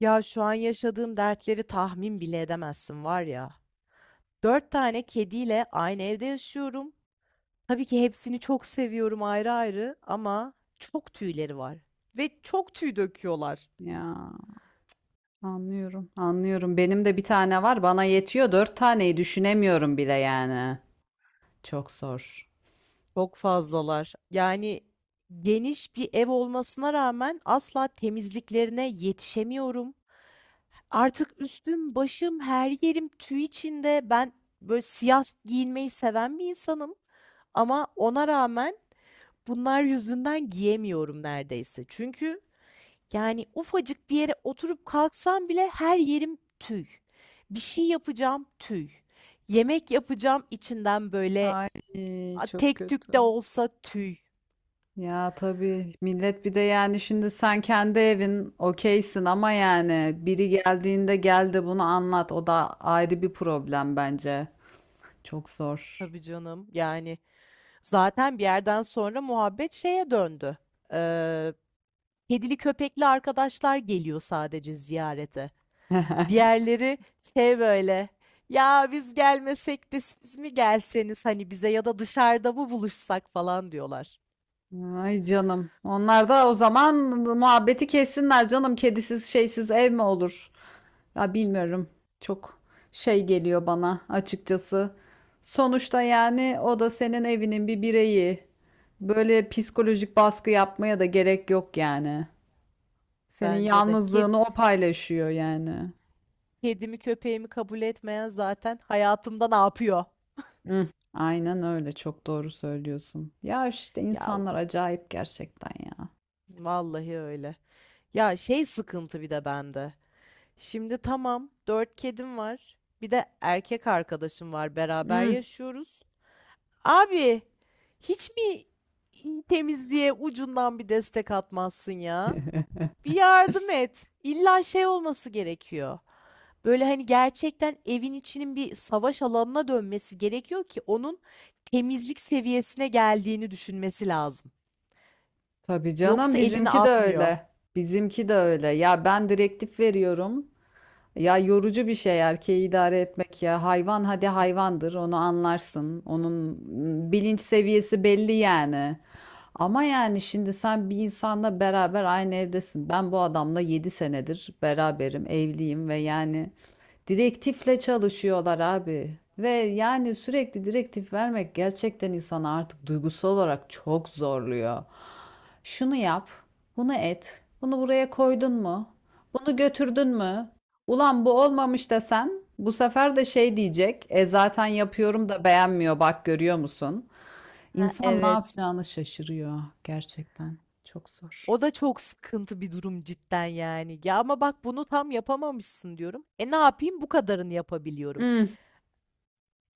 Ya şu an yaşadığım dertleri tahmin bile edemezsin var ya. Dört tane kediyle aynı evde yaşıyorum. Tabii ki hepsini çok seviyorum ayrı ayrı ama çok tüyleri var. Ve çok tüy döküyorlar. Ya anlıyorum, anlıyorum. Benim de bir tane var, bana yetiyor. Dört taneyi düşünemiyorum bile yani. Çok zor. Çok fazlalar. Yani geniş bir ev olmasına rağmen asla temizliklerine yetişemiyorum. Artık üstüm, başım, her yerim tüy içinde. Ben böyle siyah giyinmeyi seven bir insanım. Ama ona rağmen bunlar yüzünden giyemiyorum neredeyse. Çünkü yani ufacık bir yere oturup kalksam bile her yerim tüy. Bir şey yapacağım tüy. Yemek yapacağım içinden böyle Ay a, çok tek tük de kötü. olsa tüy. Ya tabii millet bir de yani şimdi sen kendi evin okeysin ama yani biri geldiğinde geldi bunu anlat. O da ayrı bir problem bence. Çok zor. Tabii canım yani zaten bir yerden sonra muhabbet şeye döndü. Ee, Kedili köpekli arkadaşlar geliyor sadece ziyarete. Diğerleri şey böyle. Ya biz gelmesek de siz mi gelseniz hani bize ya da dışarıda mı buluşsak falan diyorlar. Ay canım. Onlar da o zaman muhabbeti kessinler canım. Kedisiz şeysiz ev mi olur? Ya bilmiyorum. Çok şey geliyor bana açıkçası. Sonuçta yani o da senin evinin bir bireyi. Böyle psikolojik baskı yapmaya da gerek yok yani. Senin Bence de. Yalnızlığını o paylaşıyor yani. Kedimi köpeğimi kabul etmeyen zaten hayatımda ne yapıyor? Hı, aynen öyle, çok doğru söylüyorsun. Ya işte Ya insanlar acayip gerçekten ya. vallahi öyle. Ya şey sıkıntı bir de bende. Şimdi tamam dört kedim var. Bir de erkek arkadaşım var. Beraber Hı, yaşıyoruz. Abi hiç mi temizliğe ucundan bir destek atmazsın ya? Bir yardım et. İlla şey olması gerekiyor. Böyle hani gerçekten evin içinin bir savaş alanına dönmesi gerekiyor ki onun temizlik seviyesine geldiğini düşünmesi lazım. tabii canım Yoksa elini bizimki de atmıyor. öyle. Bizimki de öyle. Ya ben direktif veriyorum. Ya yorucu bir şey erkeği idare etmek ya. Hayvan hadi hayvandır onu anlarsın. Onun bilinç seviyesi belli yani. Ama yani şimdi sen bir insanla beraber aynı evdesin. Ben bu adamla 7 senedir beraberim, evliyim ve yani direktifle çalışıyorlar abi. Ve yani sürekli direktif vermek gerçekten insanı artık duygusal olarak çok zorluyor. Şunu yap, bunu et, bunu buraya koydun mu? Bunu götürdün mü? Ulan bu olmamış desen bu sefer de şey diyecek. E zaten yapıyorum da beğenmiyor, bak görüyor musun? Ha, İnsan ne evet. yapacağını şaşırıyor gerçekten. Çok zor. O da çok sıkıntı bir durum cidden yani. Ya ama bak bunu tam yapamamışsın diyorum. E ne yapayım? Bu kadarını yapabiliyorum. Hmm,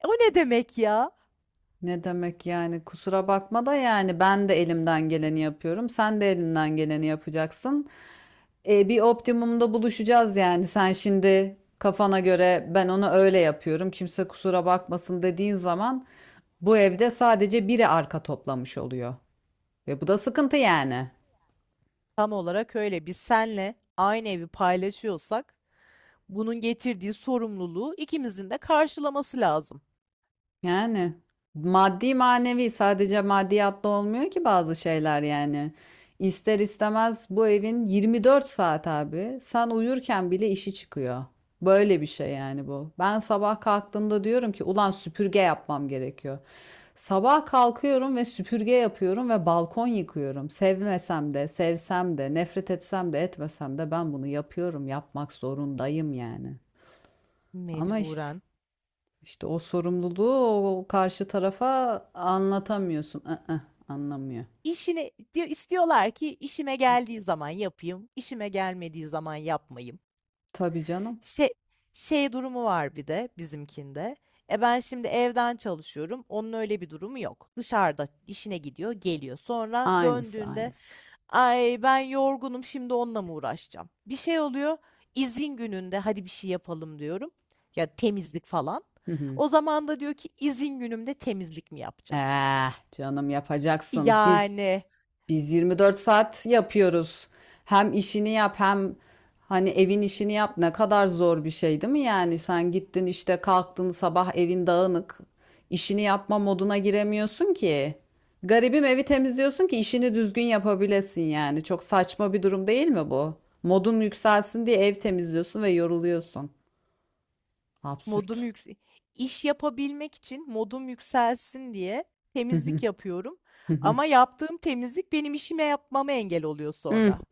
E o ne demek ya? ne demek yani, kusura bakma da yani ben de elimden geleni yapıyorum. Sen de elinden geleni yapacaksın. E, bir optimumda buluşacağız yani. Sen şimdi kafana göre, ben onu öyle yapıyorum, kimse kusura bakmasın dediğin zaman bu evde sadece biri arka toplamış oluyor. Ve bu da sıkıntı yani. Tam olarak öyle. Biz senle aynı evi paylaşıyorsak bunun getirdiği sorumluluğu ikimizin de karşılaması lazım. Yani maddi manevi, sadece maddiyatla olmuyor ki bazı şeyler yani. İster istemez bu evin 24 saat abi. Sen uyurken bile işi çıkıyor. Böyle bir şey yani bu. Ben sabah kalktığımda diyorum ki ulan süpürge yapmam gerekiyor. Sabah kalkıyorum ve süpürge yapıyorum ve balkon yıkıyorum. Sevmesem de, sevsem de, nefret etsem de, etmesem de ben bunu yapıyorum. Yapmak zorundayım yani. Ama işte Mecburen. İşte o sorumluluğu, o karşı tarafa anlatamıyorsun. Iı, Anlamıyor. İşini di istiyorlar ki işime geldiği zaman yapayım, işime gelmediği zaman yapmayayım. Tabii canım. Şey Şey durumu var bir de bizimkinde. E ben şimdi evden çalışıyorum. Onun öyle bir durumu yok. Dışarıda işine gidiyor, geliyor. Sonra Aynısı döndüğünde aynısı. ay ben yorgunum şimdi onunla mı uğraşacağım? Bir şey oluyor. İzin gününde hadi bir şey yapalım diyorum. Ya temizlik falan. Hı hı. O zaman da diyor ki izin günümde temizlik mi yapacağım? Eh, canım yapacaksın. Biz Yani Biz 24 saat yapıyoruz. Hem işini yap, hem hani evin işini yap. Ne kadar zor bir şey değil mi yani? Sen gittin işte, kalktın sabah evin dağınık. İşini yapma moduna giremiyorsun ki. Garibim evi temizliyorsun ki işini düzgün yapabilesin yani. Çok saçma bir durum değil mi bu? Modun yükselsin diye ev temizliyorsun ve yoruluyorsun. modum Absürt. yüksek. İş yapabilmek için modum yükselsin diye temizlik yapıyorum. Ama yaptığım temizlik benim işime yapmama engel oluyor Hmm, sonra.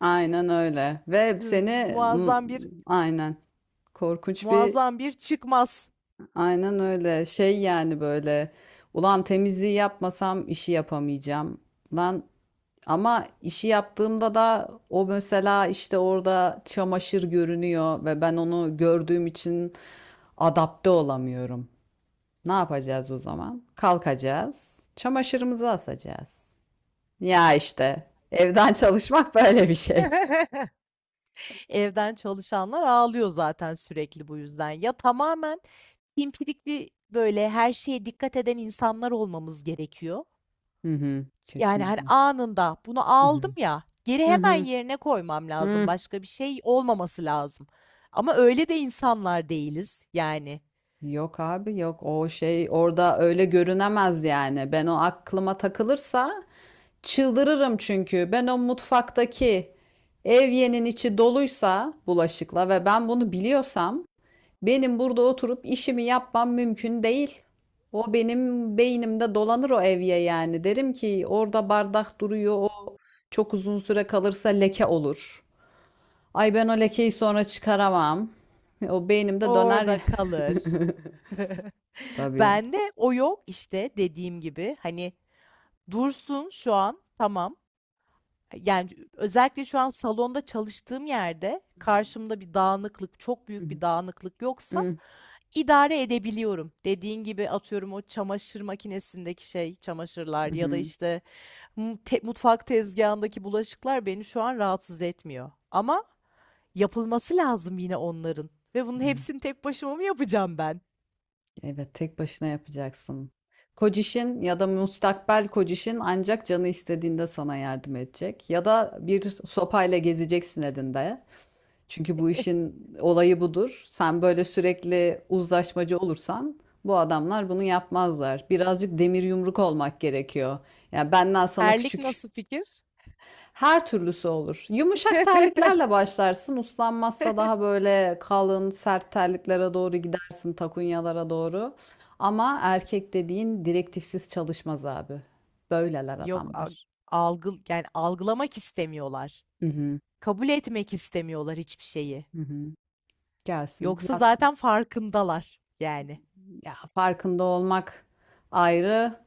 aynen öyle. Ve Hı, seni m, muazzam bir aynen korkunç bir muazzam bir çıkmaz. Aynen öyle. Şey yani böyle. Ulan, temizliği yapmasam işi yapamayacağım. Lan ama işi yaptığımda da o, mesela işte, orada çamaşır görünüyor ve ben onu gördüğüm için adapte olamıyorum. Ne yapacağız o zaman? Kalkacağız. Çamaşırımızı asacağız. Ya işte evden çalışmak böyle bir şey. Evden çalışanlar ağlıyor zaten sürekli bu yüzden. Ya tamamen pimpirikli böyle her şeye dikkat eden insanlar olmamız gerekiyor. Hı hı, Yani, hani, kesinlikle. anında bunu Hı aldım hı. ya, geri Hı hemen hı. yerine koymam lazım. Hı. Başka bir şey olmaması lazım. Ama öyle de insanlar değiliz. Yani, Yok abi yok, o şey orada öyle görünemez yani. Ben o aklıma takılırsa çıldırırım çünkü. Ben o mutfaktaki evyenin içi doluysa bulaşıkla ve ben bunu biliyorsam, benim burada oturup işimi yapmam mümkün değil. O benim beynimde dolanır, o evye yani. Derim ki orada bardak duruyor, o çok uzun süre kalırsa leke olur. Ay ben o lekeyi sonra çıkaramam. O beynimde döner ya. orada kalır. Tabii. Bende o yok. İşte dediğim gibi, hani, dursun şu an, tamam. Yani özellikle şu an salonda çalıştığım yerde Hı hı. karşımda bir dağınıklık, çok Hı büyük bir dağınıklık yoksa hı. idare edebiliyorum. Dediğin gibi atıyorum o çamaşır makinesindeki şey, çamaşırlar ya da Hı, işte mutfak tezgahındaki bulaşıklar beni şu an rahatsız etmiyor. Ama yapılması lazım yine onların. Ve bunun hepsini tek başıma mı yapacağım ben? evet, evet, tek başına yapacaksın. Kocişin ya da müstakbel kocişin ancak canı istediğinde sana yardım edecek. Ya da bir sopayla gezeceksin elinde. Çünkü bu işin olayı budur. Sen böyle sürekli uzlaşmacı olursan bu adamlar bunu yapmazlar. Birazcık demir yumruk olmak gerekiyor. Yani benden sana Erlik küçük nasıl fikir? Her türlüsü olur. Yumuşak terliklerle başlarsın. Uslanmazsa daha böyle kalın, sert terliklere doğru gidersin, takunyalara doğru. Ama erkek dediğin direktifsiz çalışmaz abi. Böyleler Yok, adamlar. algı yani algılamak istemiyorlar. Hı hı, Kabul etmek istemiyorlar hiçbir şeyi. hı hı. Gelsin, Yoksa yatsın. zaten farkındalar yani. Ya farkında olmak ayrı,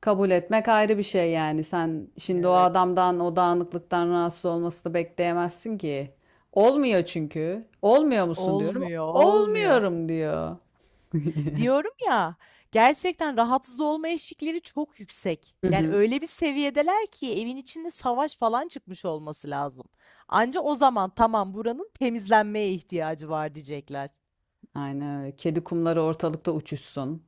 kabul etmek ayrı bir şey yani. Sen şimdi o Evet. adamdan, o dağınıklıktan rahatsız olmasını bekleyemezsin ki. Olmuyor çünkü. Olmuyor musun diyorum. Olmuyor, olmuyor. Olmuyorum diyor. Diyorum ya, gerçekten rahatsız olma eşikleri çok yüksek. Hı Yani hı. öyle bir seviyedeler ki evin içinde savaş falan çıkmış olması lazım. Anca o zaman tamam buranın temizlenmeye ihtiyacı var diyecekler. Aynen öyle. Kedi kumları ortalıkta uçuşsun.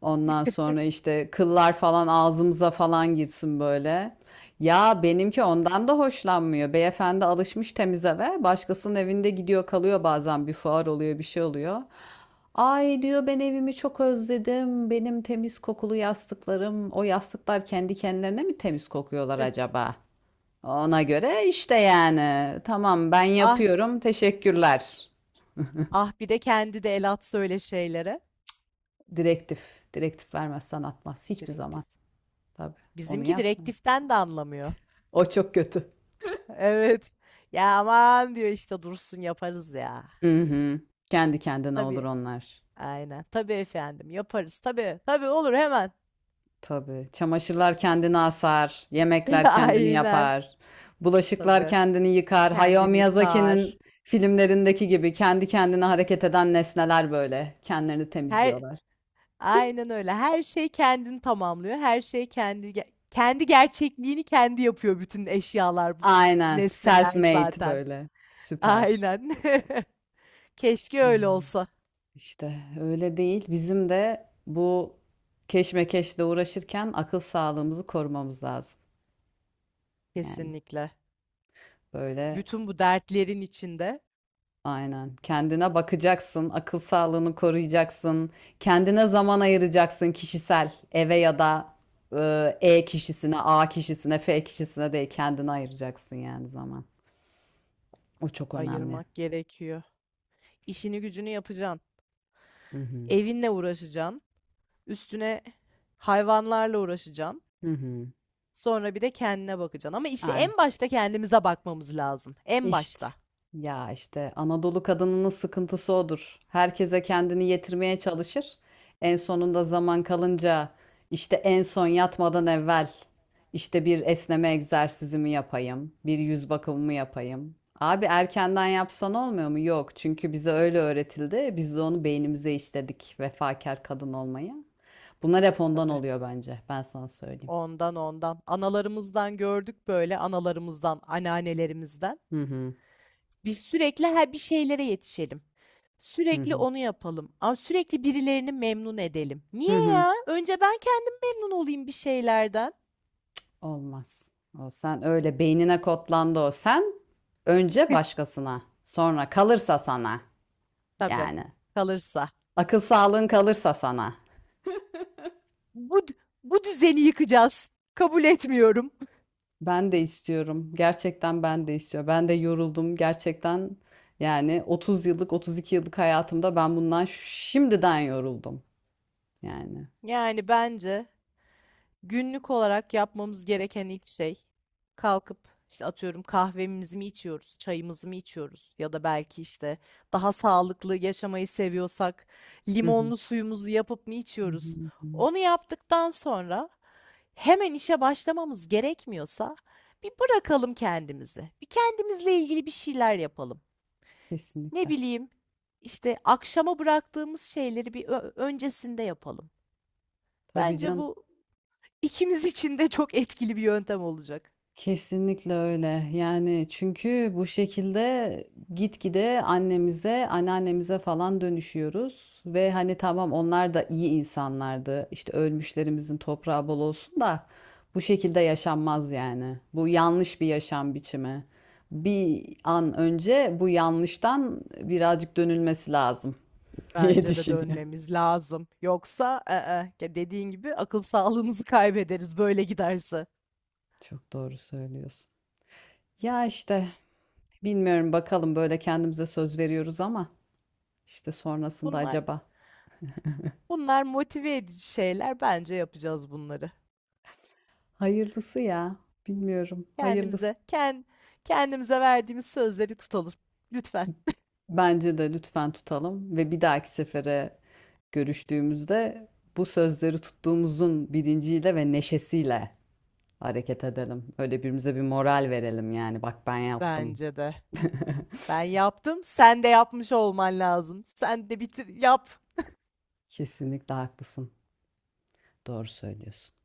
Ondan sonra işte kıllar falan ağzımıza falan girsin böyle. Ya benimki ondan da hoşlanmıyor. Beyefendi alışmış temiz eve. Başkasının evinde gidiyor kalıyor, bazen bir fuar oluyor, bir şey oluyor. Ay diyor, ben evimi çok özledim, benim temiz kokulu yastıklarım. O yastıklar kendi kendilerine mi temiz kokuyorlar acaba? Ona göre işte yani. Tamam ben Ah, yapıyorum. Teşekkürler. ah bir de kendi de el atsa öyle şeylere. Direktif. Direktif vermez, atmaz. Hiçbir Direktif. zaman. Tabii. Onu Bizimki yapma. direktiften de anlamıyor. O çok kötü. Evet. Ya aman diyor işte dursun yaparız ya. Hı hı. Kendi kendine olur Tabii. onlar. Aynen. Tabii efendim yaparız. Tabii. Tabii olur hemen. Tabii. Çamaşırlar kendini asar. Yemekler kendini Aynen. yapar. Bulaşıklar Tabii. kendini yıkar. Hayao Kendini yıkar. Miyazaki'nin filmlerindeki gibi kendi kendine hareket eden nesneler böyle. Kendilerini Her temizliyorlar. aynen öyle. Her şey kendini tamamlıyor. Her şey kendi gerçekliğini kendi yapıyor bütün eşyalar, Aynen. nesneler Self-made zaten. böyle. Süper. Aynen. Keşke Evet. öyle olsa. İşte öyle değil. Bizim de bu keşmekeşle uğraşırken akıl sağlığımızı korumamız lazım. Yani Kesinlikle. böyle Bütün bu dertlerin içinde aynen, kendine bakacaksın, akıl sağlığını koruyacaksın, kendine zaman ayıracaksın, kişisel eve ya da E kişisine, A kişisine, F kişisine değil kendine ayıracaksın yani zaman. O çok önemli. ayırmak gerekiyor. İşini gücünü yapacaksın. Hı hı. Evinle uğraşacaksın. Üstüne hayvanlarla uğraşacaksın. Hı hı. Sonra bir de kendine bakacaksın. Ama işte Aynen. en başta kendimize bakmamız lazım. En İşte başta. işte Anadolu kadınının sıkıntısı odur. Herkese kendini yetirmeye çalışır. En sonunda zaman kalınca, işte en son yatmadan evvel, işte bir esneme egzersizimi yapayım, bir yüz bakımımı yapayım. Abi erkenden yapsan olmuyor mu? Yok. Çünkü bize öyle öğretildi. Biz de onu beynimize işledik, vefakar kadın olmayı. Bunlar hep ondan Tabii. oluyor bence. Ben sana söyleyeyim. Ondan ondan. Analarımızdan gördük böyle. Analarımızdan, anneannelerimizden. Hı hı. Biz sürekli her bir şeylere yetişelim. Hı Sürekli hı. onu yapalım. Ama sürekli birilerini memnun edelim. Hı Niye hı. ya? Önce ben kendim memnun olayım bir şeylerden. Olmaz. O sen öyle beynine kodlandı o sen. Önce başkasına, sonra kalırsa sana Tabii. yani. Kalırsa. Akıl sağlığın kalırsa sana. Bu Bu düzeni yıkacağız. Kabul etmiyorum. Ben de istiyorum. Gerçekten ben de istiyorum. Ben de yoruldum. Gerçekten yani 30 yıllık, 32 yıllık hayatımda ben bundan şimdiden yoruldum yani. Yani bence günlük olarak yapmamız gereken ilk şey kalkıp işte atıyorum kahvemizi mi içiyoruz, çayımızı mı içiyoruz ya da belki işte daha sağlıklı yaşamayı seviyorsak Hı hı. limonlu suyumuzu yapıp mı Hı içiyoruz? hı, hı hı. Onu yaptıktan sonra hemen işe başlamamız gerekmiyorsa bir bırakalım kendimizi. Bir kendimizle ilgili bir şeyler yapalım. Ne Kesinlikle. bileyim işte akşama bıraktığımız şeyleri bir öncesinde yapalım. Tabii Bence canım. bu İkimiz için de çok etkili bir yöntem olacak. Kesinlikle öyle. Yani çünkü bu şekilde gitgide annemize, anneannemize falan dönüşüyoruz. Ve hani tamam, onlar da iyi insanlardı, İşte ölmüşlerimizin toprağı bol olsun, da bu şekilde yaşanmaz yani. Bu yanlış bir yaşam biçimi. Bir an önce bu yanlıştan birazcık dönülmesi lazım diye Bence de düşünüyorum. dönmemiz lazım. Yoksa ı-ı, ya dediğin gibi akıl sağlığımızı kaybederiz böyle giderse. Çok doğru söylüyorsun. Ya işte bilmiyorum, bakalım, böyle kendimize söz veriyoruz ama. İşte sonrasında Bunlar acaba. Bunlar motive edici şeyler. Bence yapacağız bunları. Hayırlısı ya. Bilmiyorum. Kendimize Hayırlısı. Kendimize verdiğimiz sözleri tutalım. Lütfen. Bence de lütfen tutalım ve bir dahaki sefere görüştüğümüzde bu sözleri tuttuğumuzun bilinciyle ve neşesiyle hareket edelim. Öyle birbirimize bir moral verelim yani. Bak ben yaptım. Bence de. Ben yaptım. Sen de yapmış olman lazım. Sen de bitir yap. Kesinlikle haklısın. Doğru söylüyorsun.